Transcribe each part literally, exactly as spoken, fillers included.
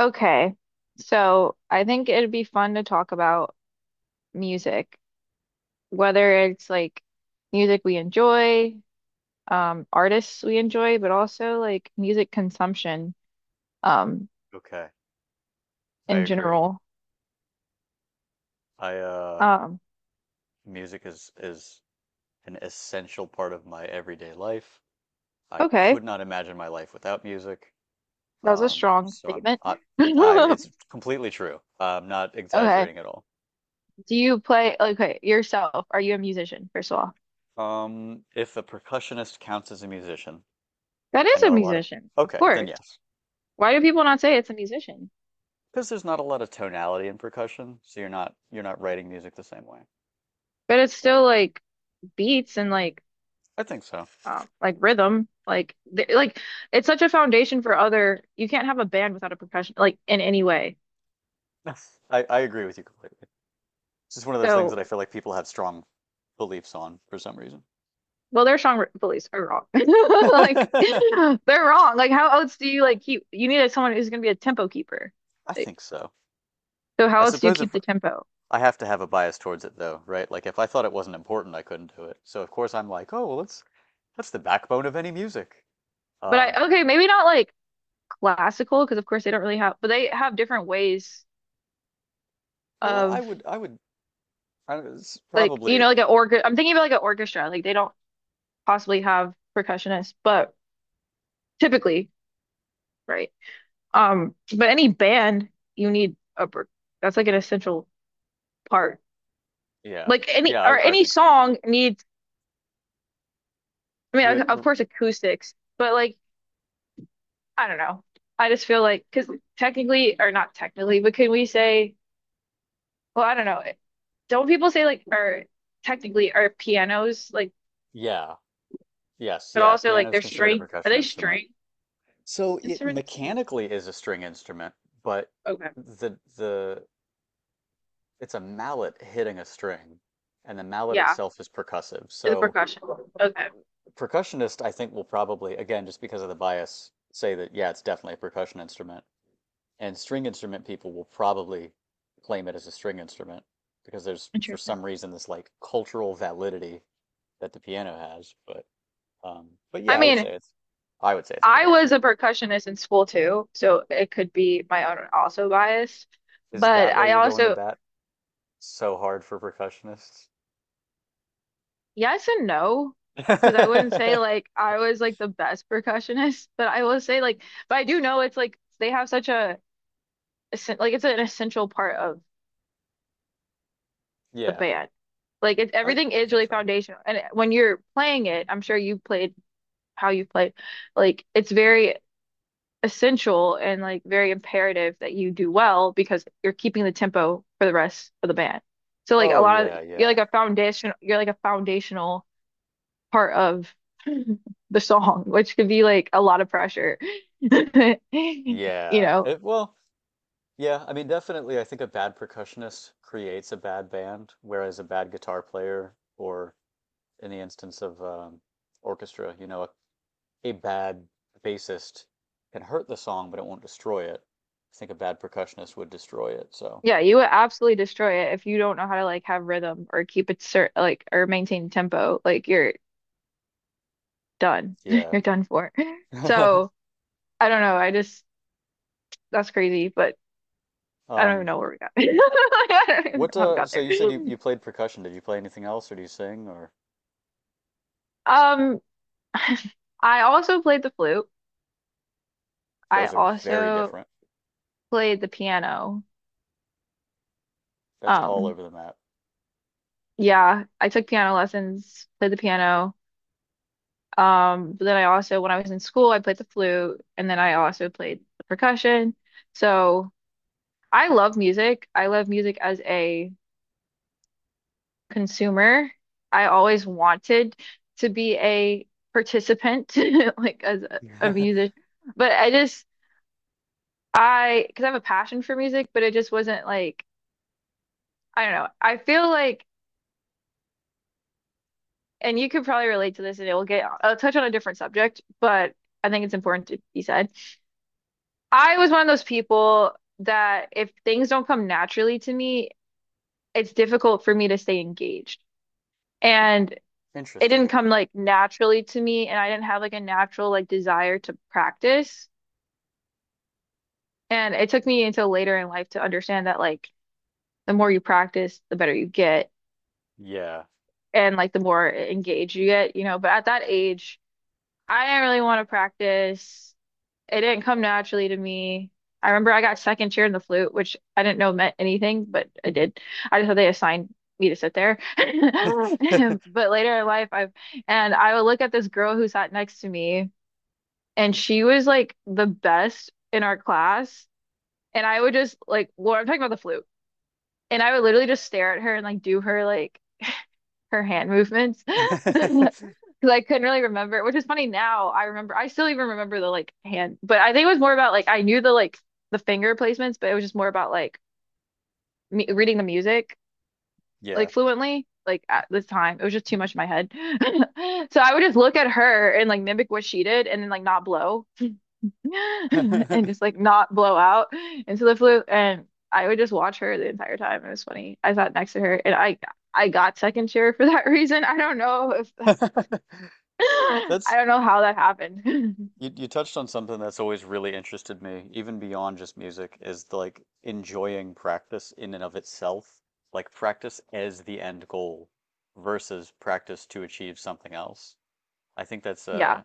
Okay, so I think it'd be fun to talk about music, whether it's like music we enjoy, um, artists we enjoy, but also like music consumption, um, Okay, I in agree. general. I uh Um, music is is an essential part of my everyday life. I okay, could not imagine my life without music. that was a Um, strong so I'm statement. I, I it's completely true. I'm not Okay, exaggerating at all. do you play, okay, yourself? Are you a musician, first of all? Um, if a percussionist counts as a musician, That I is a know a lot of musician, of okay, then course. yes. Why do people not say it's a musician? Because there's not a lot of tonality in percussion, so you're not you're not writing music the same way. But it's But still like beats and like I think so. um, like rhythm like th like it's such a foundation for other, you can't have a band without a percussion like in any way. I, I agree with you completely. It's just one of those things that So I feel like people have strong beliefs on for some reason. well, their song police are wrong. Like I they're wrong, like how else do you like keep, you need someone who's going to be a tempo keeper, like, think so. so how I else do you suppose keep if the tempo? I have to have a bias towards it though, right? Like if I thought it wasn't important, I couldn't do it. So of course I'm like, oh well, that's that's the backbone of any music. But Um, I, okay, maybe not like classical, because of course they don't really have, but they have different ways well, I of, would, I would, I don't- know, it's like you know probably, like an organ, I'm thinking about like an orchestra, like they don't possibly have percussionists, but typically, right. Um, but any band, you need a per-, that's like an essential part. yeah, Like any yeah, I, or I would any think so. song needs, I You mean, would, of course acoustics, but like I don't know. I just feel like because technically or not technically, but can we say, well, I don't know. Don't people say like or technically are pianos like, yeah, yes, but yeah. also Piano like is they're considered a string? Are percussion they instrument, string so it instruments? Too? mechanically is a string instrument, but Okay, the the it's a mallet hitting a string, and the mallet yeah, itself is percussive. it's a So percussion. Okay, percussionist, I think, will probably, again, just because of the bias, say that, yeah, it's definitely a percussion instrument. And string instrument people will probably claim it as a string instrument because there's, for interesting. some reason, this like cultural validity that the piano has. But um, but I yeah, I would say mean. it's, I would say it's I was percussion. a percussionist in school too, so it could be my own also bias. Is But that why I you're going to also, bat so hard for percussionists? yes and no, because I wouldn't say like I was like the best percussionist, but I will say like, but I do know it's like they have such a, essen-, like it's an essential part of the Yeah, band. Like it, I, everything I is think really so. foundational. And when you're playing it, I'm sure you played how you played, like it's very essential and like very imperative that you do well because you're keeping the tempo for the rest of the band. So like a Oh lot of, yeah, you're yeah. like a foundation, you're like a foundational part of the song, which could be like a lot of pressure. You Yeah. know, It, well, yeah, I mean, definitely, I think a bad percussionist creates a bad band, whereas a bad guitar player, or in the instance of um, orchestra, you know, a, a bad bassist can hurt the song, but it won't destroy it. I think a bad percussionist would destroy it, so yeah, you would absolutely destroy it if you don't know how to like have rhythm or keep it cert like or maintain tempo. Like you're done. yeah. You're done for. So I don't know. I just, that's crazy, but I don't even Um, know where we got. I don't even know what how we uh, got so there. you said you, you played percussion. Did you play anything else, or do you sing, or Um, I also played the flute. I those are very also different. played the piano. That's all Um, over the yeah, I took piano lessons, played the piano. Um, but then I also, when I was in school, I played the flute, and then I also played the percussion. So I love music. I love music as a consumer. I always wanted to be a participant, like as a, a map. music. But I just I, because I have a passion for music, but it just wasn't like, I don't know. I feel like, and you could probably relate to this and it will get, I'll touch on a different subject, but I think it's important to be said. I was one of those people that if things don't come naturally to me, it's difficult for me to stay engaged. And it didn't Interesting. come like naturally to me, and I didn't have like a natural like desire to practice. And it took me until later in life to understand that like the more you practice, the better you get. Yeah. And like the more engaged you get, you know. But at that age, I didn't really want to practice. It didn't come naturally to me. I remember I got second chair in the flute, which I didn't know meant anything, but I did. I just thought they assigned me to sit there. But later in life, I've, and I would look at this girl who sat next to me, and she was like the best in our class. And I would just like, well, I'm talking about the flute. And I would literally just stare at her and like do her like her hand movements. Because I couldn't really remember, which is funny now. I remember, I still even remember the like hand, but I think it was more about like I knew the like the finger placements, but it was just more about like me reading the music Yeah. like fluently. Like at this time, it was just too much in my head. So I would just look at her and like mimic what she did, and then like not blow, and just like not blow out into the flute, and I would just watch her the entire time. It was funny. I sat next to her, and I I got second chair for that reason. I don't know if I That's don't know how that happened. you you touched on something that's always really interested me, even beyond just music, is the, like enjoying practice in and of itself, like practice as the end goal versus practice to achieve something else. I think that's Yeah. a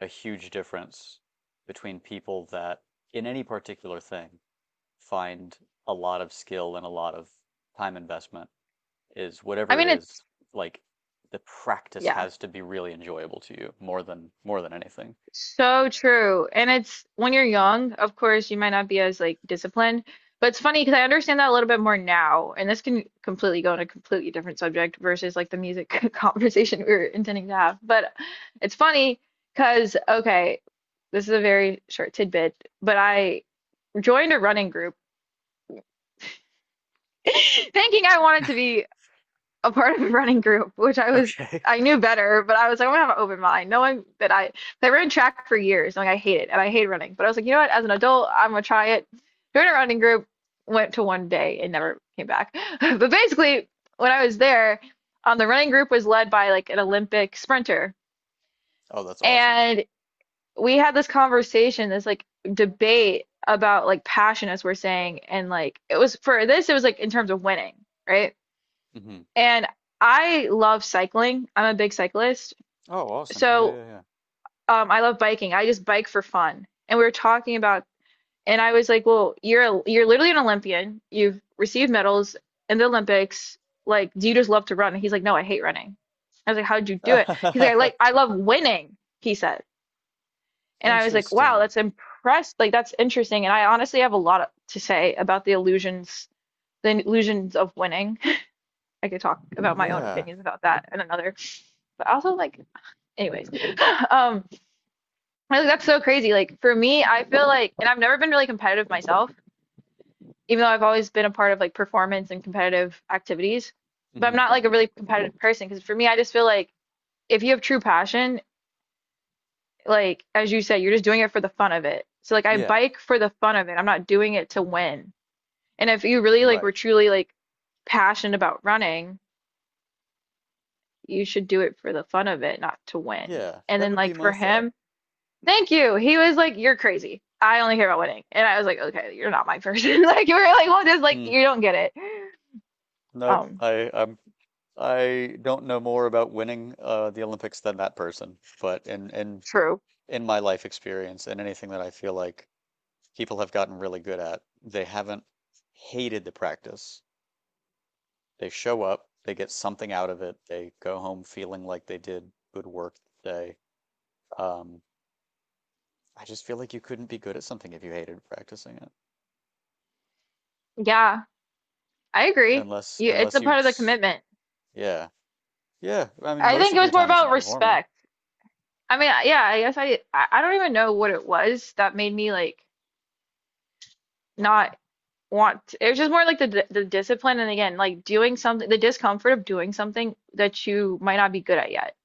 a huge difference between people that in any particular thing find a lot of skill and a lot of time investment. Is I whatever it mean, it's, is, like the practice yeah, has to be really enjoyable to you more than more than anything. so true. And it's when you're young, of course, you might not be as like disciplined, but it's funny because I understand that a little bit more now. And this can completely go on a completely different subject versus like the music conversation we were intending to have. But it's funny because, okay, this is a very short tidbit, but I joined a running group thinking I wanted to be a part of a running group, which I was, Okay. I knew better, but I was like, I'm gonna have an open mind, knowing that I that I ran track for years, and like I hate it and I hate running. But I was like, you know what, as an adult, I'm gonna try it. Joined a running group, went to one day and never came back. But basically, when I was there, um, the running group was led by like an Olympic sprinter, Oh, that's awesome. and we had this conversation, this like debate about like passion, as we're saying, and like it was for this, it was like in terms of winning, right? Hmm. And I love cycling. I'm a big cyclist. Oh, awesome. So Yeah, um, I love biking. I just bike for fun. And we were talking about, and I was like, well, you're a, you're literally an Olympian. You've received medals in the Olympics. Like, do you just love to run? And he's like, no, I hate running. I was like, how'd you do yeah, it? He's like, I yeah. like, I love winning, he said. And I was like, wow, Interesting. that's impressed. Like, that's interesting. And I honestly have a lot to say about the illusions, the illusions of winning. I could talk about my own Yeah. opinions about that and another. But also, like, anyways um I like that's so crazy, like for me I feel like, and I've never been really competitive myself, even though I've always been a part of like performance and competitive activities, but I'm Hmm. not like a really competitive person because for me I just feel like if you have true passion, like as you said, you're just doing it for the fun of it, so like I Yeah. bike for the fun of it, I'm not doing it to win, and if you really like were Right. truly like passionate about running, you should do it for the fun of it, not to win, Yeah. and That then would be like for my thought. him, thank you. He was like, "You're crazy. I only care about winning." And I was like, "Okay, you're not my person." Like you were like, "Well, just like Hmm. you don't get it." Nope. Um, I I'm I don't know more about winning uh the Olympics than that person, but in in true. in my life experience and anything that I feel like people have gotten really good at. They haven't hated the practice. They show up, they get something out of it, they go home feeling like they did good work today. Um, I just feel like you couldn't be good at something if you hated practicing it, Yeah, I agree. unless You, it's unless a you, part of the s- commitment. Yeah, yeah. I mean, I most think it of your was more time isn't about performing. respect. I mean, yeah, I guess I I I don't even know what it was that made me like not want to-, it was just more like the d- the discipline, and again, like doing something, the discomfort of doing something that you might not be good at yet.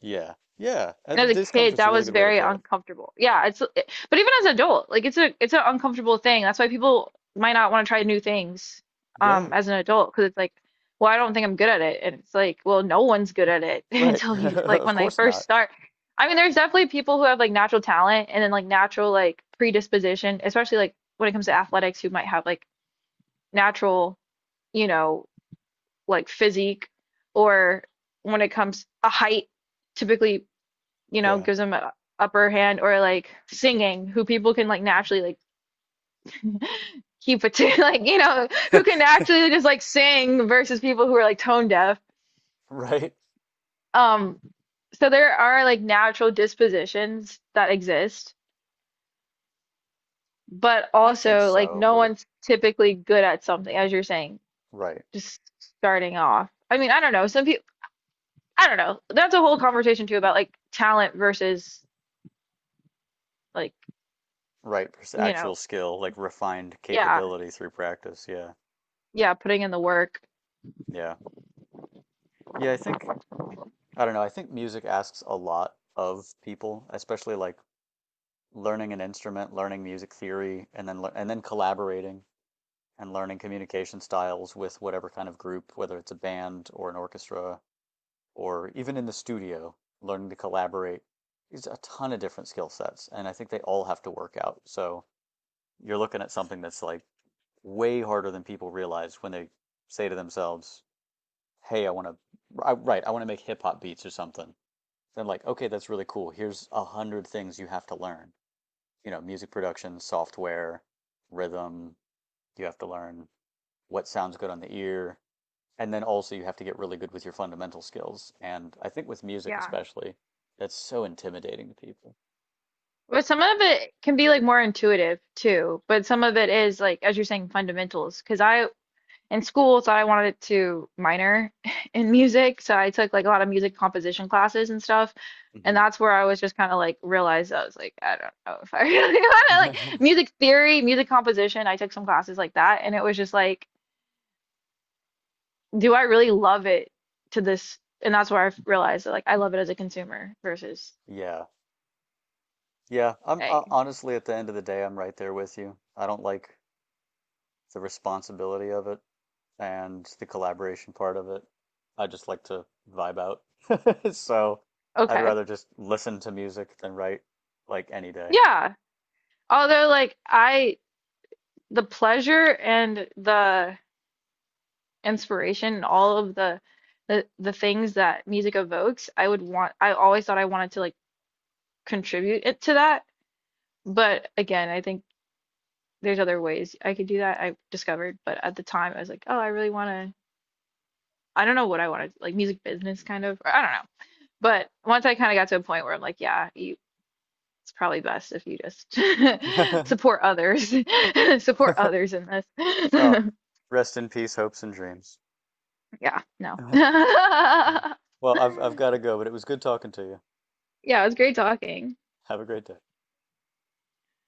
Yeah, yeah. Uh, And as a kid, discomfort's a that really was good way to very put it. uncomfortable. Yeah, it's it-, but even as an adult, like it's a it's an uncomfortable thing. That's why people might not want to try new things Yeah, um as an adult, because it's like, well, I don't think I'm good at it. And it's like, well, no one's good at it right. until you like Of when they course first not. start. I mean, there's definitely people who have like natural talent and then like natural like predisposition, especially like when it comes to athletics, who might have like natural, you know, like physique, or when it comes a height typically, you know, Yeah, gives them an upper hand, or like singing, who people can like naturally like keep it to like, you know, who can actually just like sing versus people who are like tone deaf. right. Um, so there are like natural dispositions that exist, but I think also like so, no but one's typically good at something, as you're saying, right. just starting off. I mean, I don't know. Some people, I don't know. That's a whole conversation too about like talent versus like, Right, pers- you Actual know, skill, like refined yeah, capability through practice. Yeah. yeah, putting in the work. Yeah. Yeah, I think I don't know, I think music asks a lot of people, especially like learning an instrument, learning music theory, and then lear- and then collaborating and learning communication styles with whatever kind of group, whether it's a band or an orchestra or even in the studio, learning to collaborate is a ton of different skill sets, and I think they all have to work out. So, you're looking at something that's like way harder than people realize when they say to themselves, "Hey, I want to, right, I want to make hip hop beats or something." Then like, okay, that's really cool. Here's a hundred things you have to learn. You know, music production, software, rhythm. You have to learn what sounds good on the ear, and then also you have to get really good with your fundamental skills. And I think with music Yeah. especially, that's so intimidating to people. But some of it can be like more intuitive too, but some of it is like, as you're saying, fundamentals. Because I in school thought I wanted to minor in music, so I took like a lot of music composition classes and stuff. And Hmm. that's where I was just kind of like realized I was like, I don't know if I really want to like music theory, music composition. I took some classes like that, and it was just like, do I really love it to this? And that's where I realized that like I love it as a consumer versus Yeah. Yeah. I'm uh, a, honestly at the end of the day, I'm right there with you. I don't like the responsibility of it and the collaboration part of it. I just like to vibe out. So I'd okay, rather just listen to music than write like any day. yeah. Although, like, I the pleasure and the inspiration and all of the the, the things that music evokes, I would want, I always thought I wanted to like contribute it to that. But again, I think there's other ways I could do that. I discovered, but at the time I was like, oh, I really want to, I don't know what I wanted, like music business kind of, or I don't know. But once I kind of got to a point where I'm like, yeah, you, it's probably best if you just support others, support others in Oh, this. rest in peace, hopes and dreams. Yeah, no. Well, I've I've got to go, but it was good talking to you. Yeah, it was great talking. Have a great day.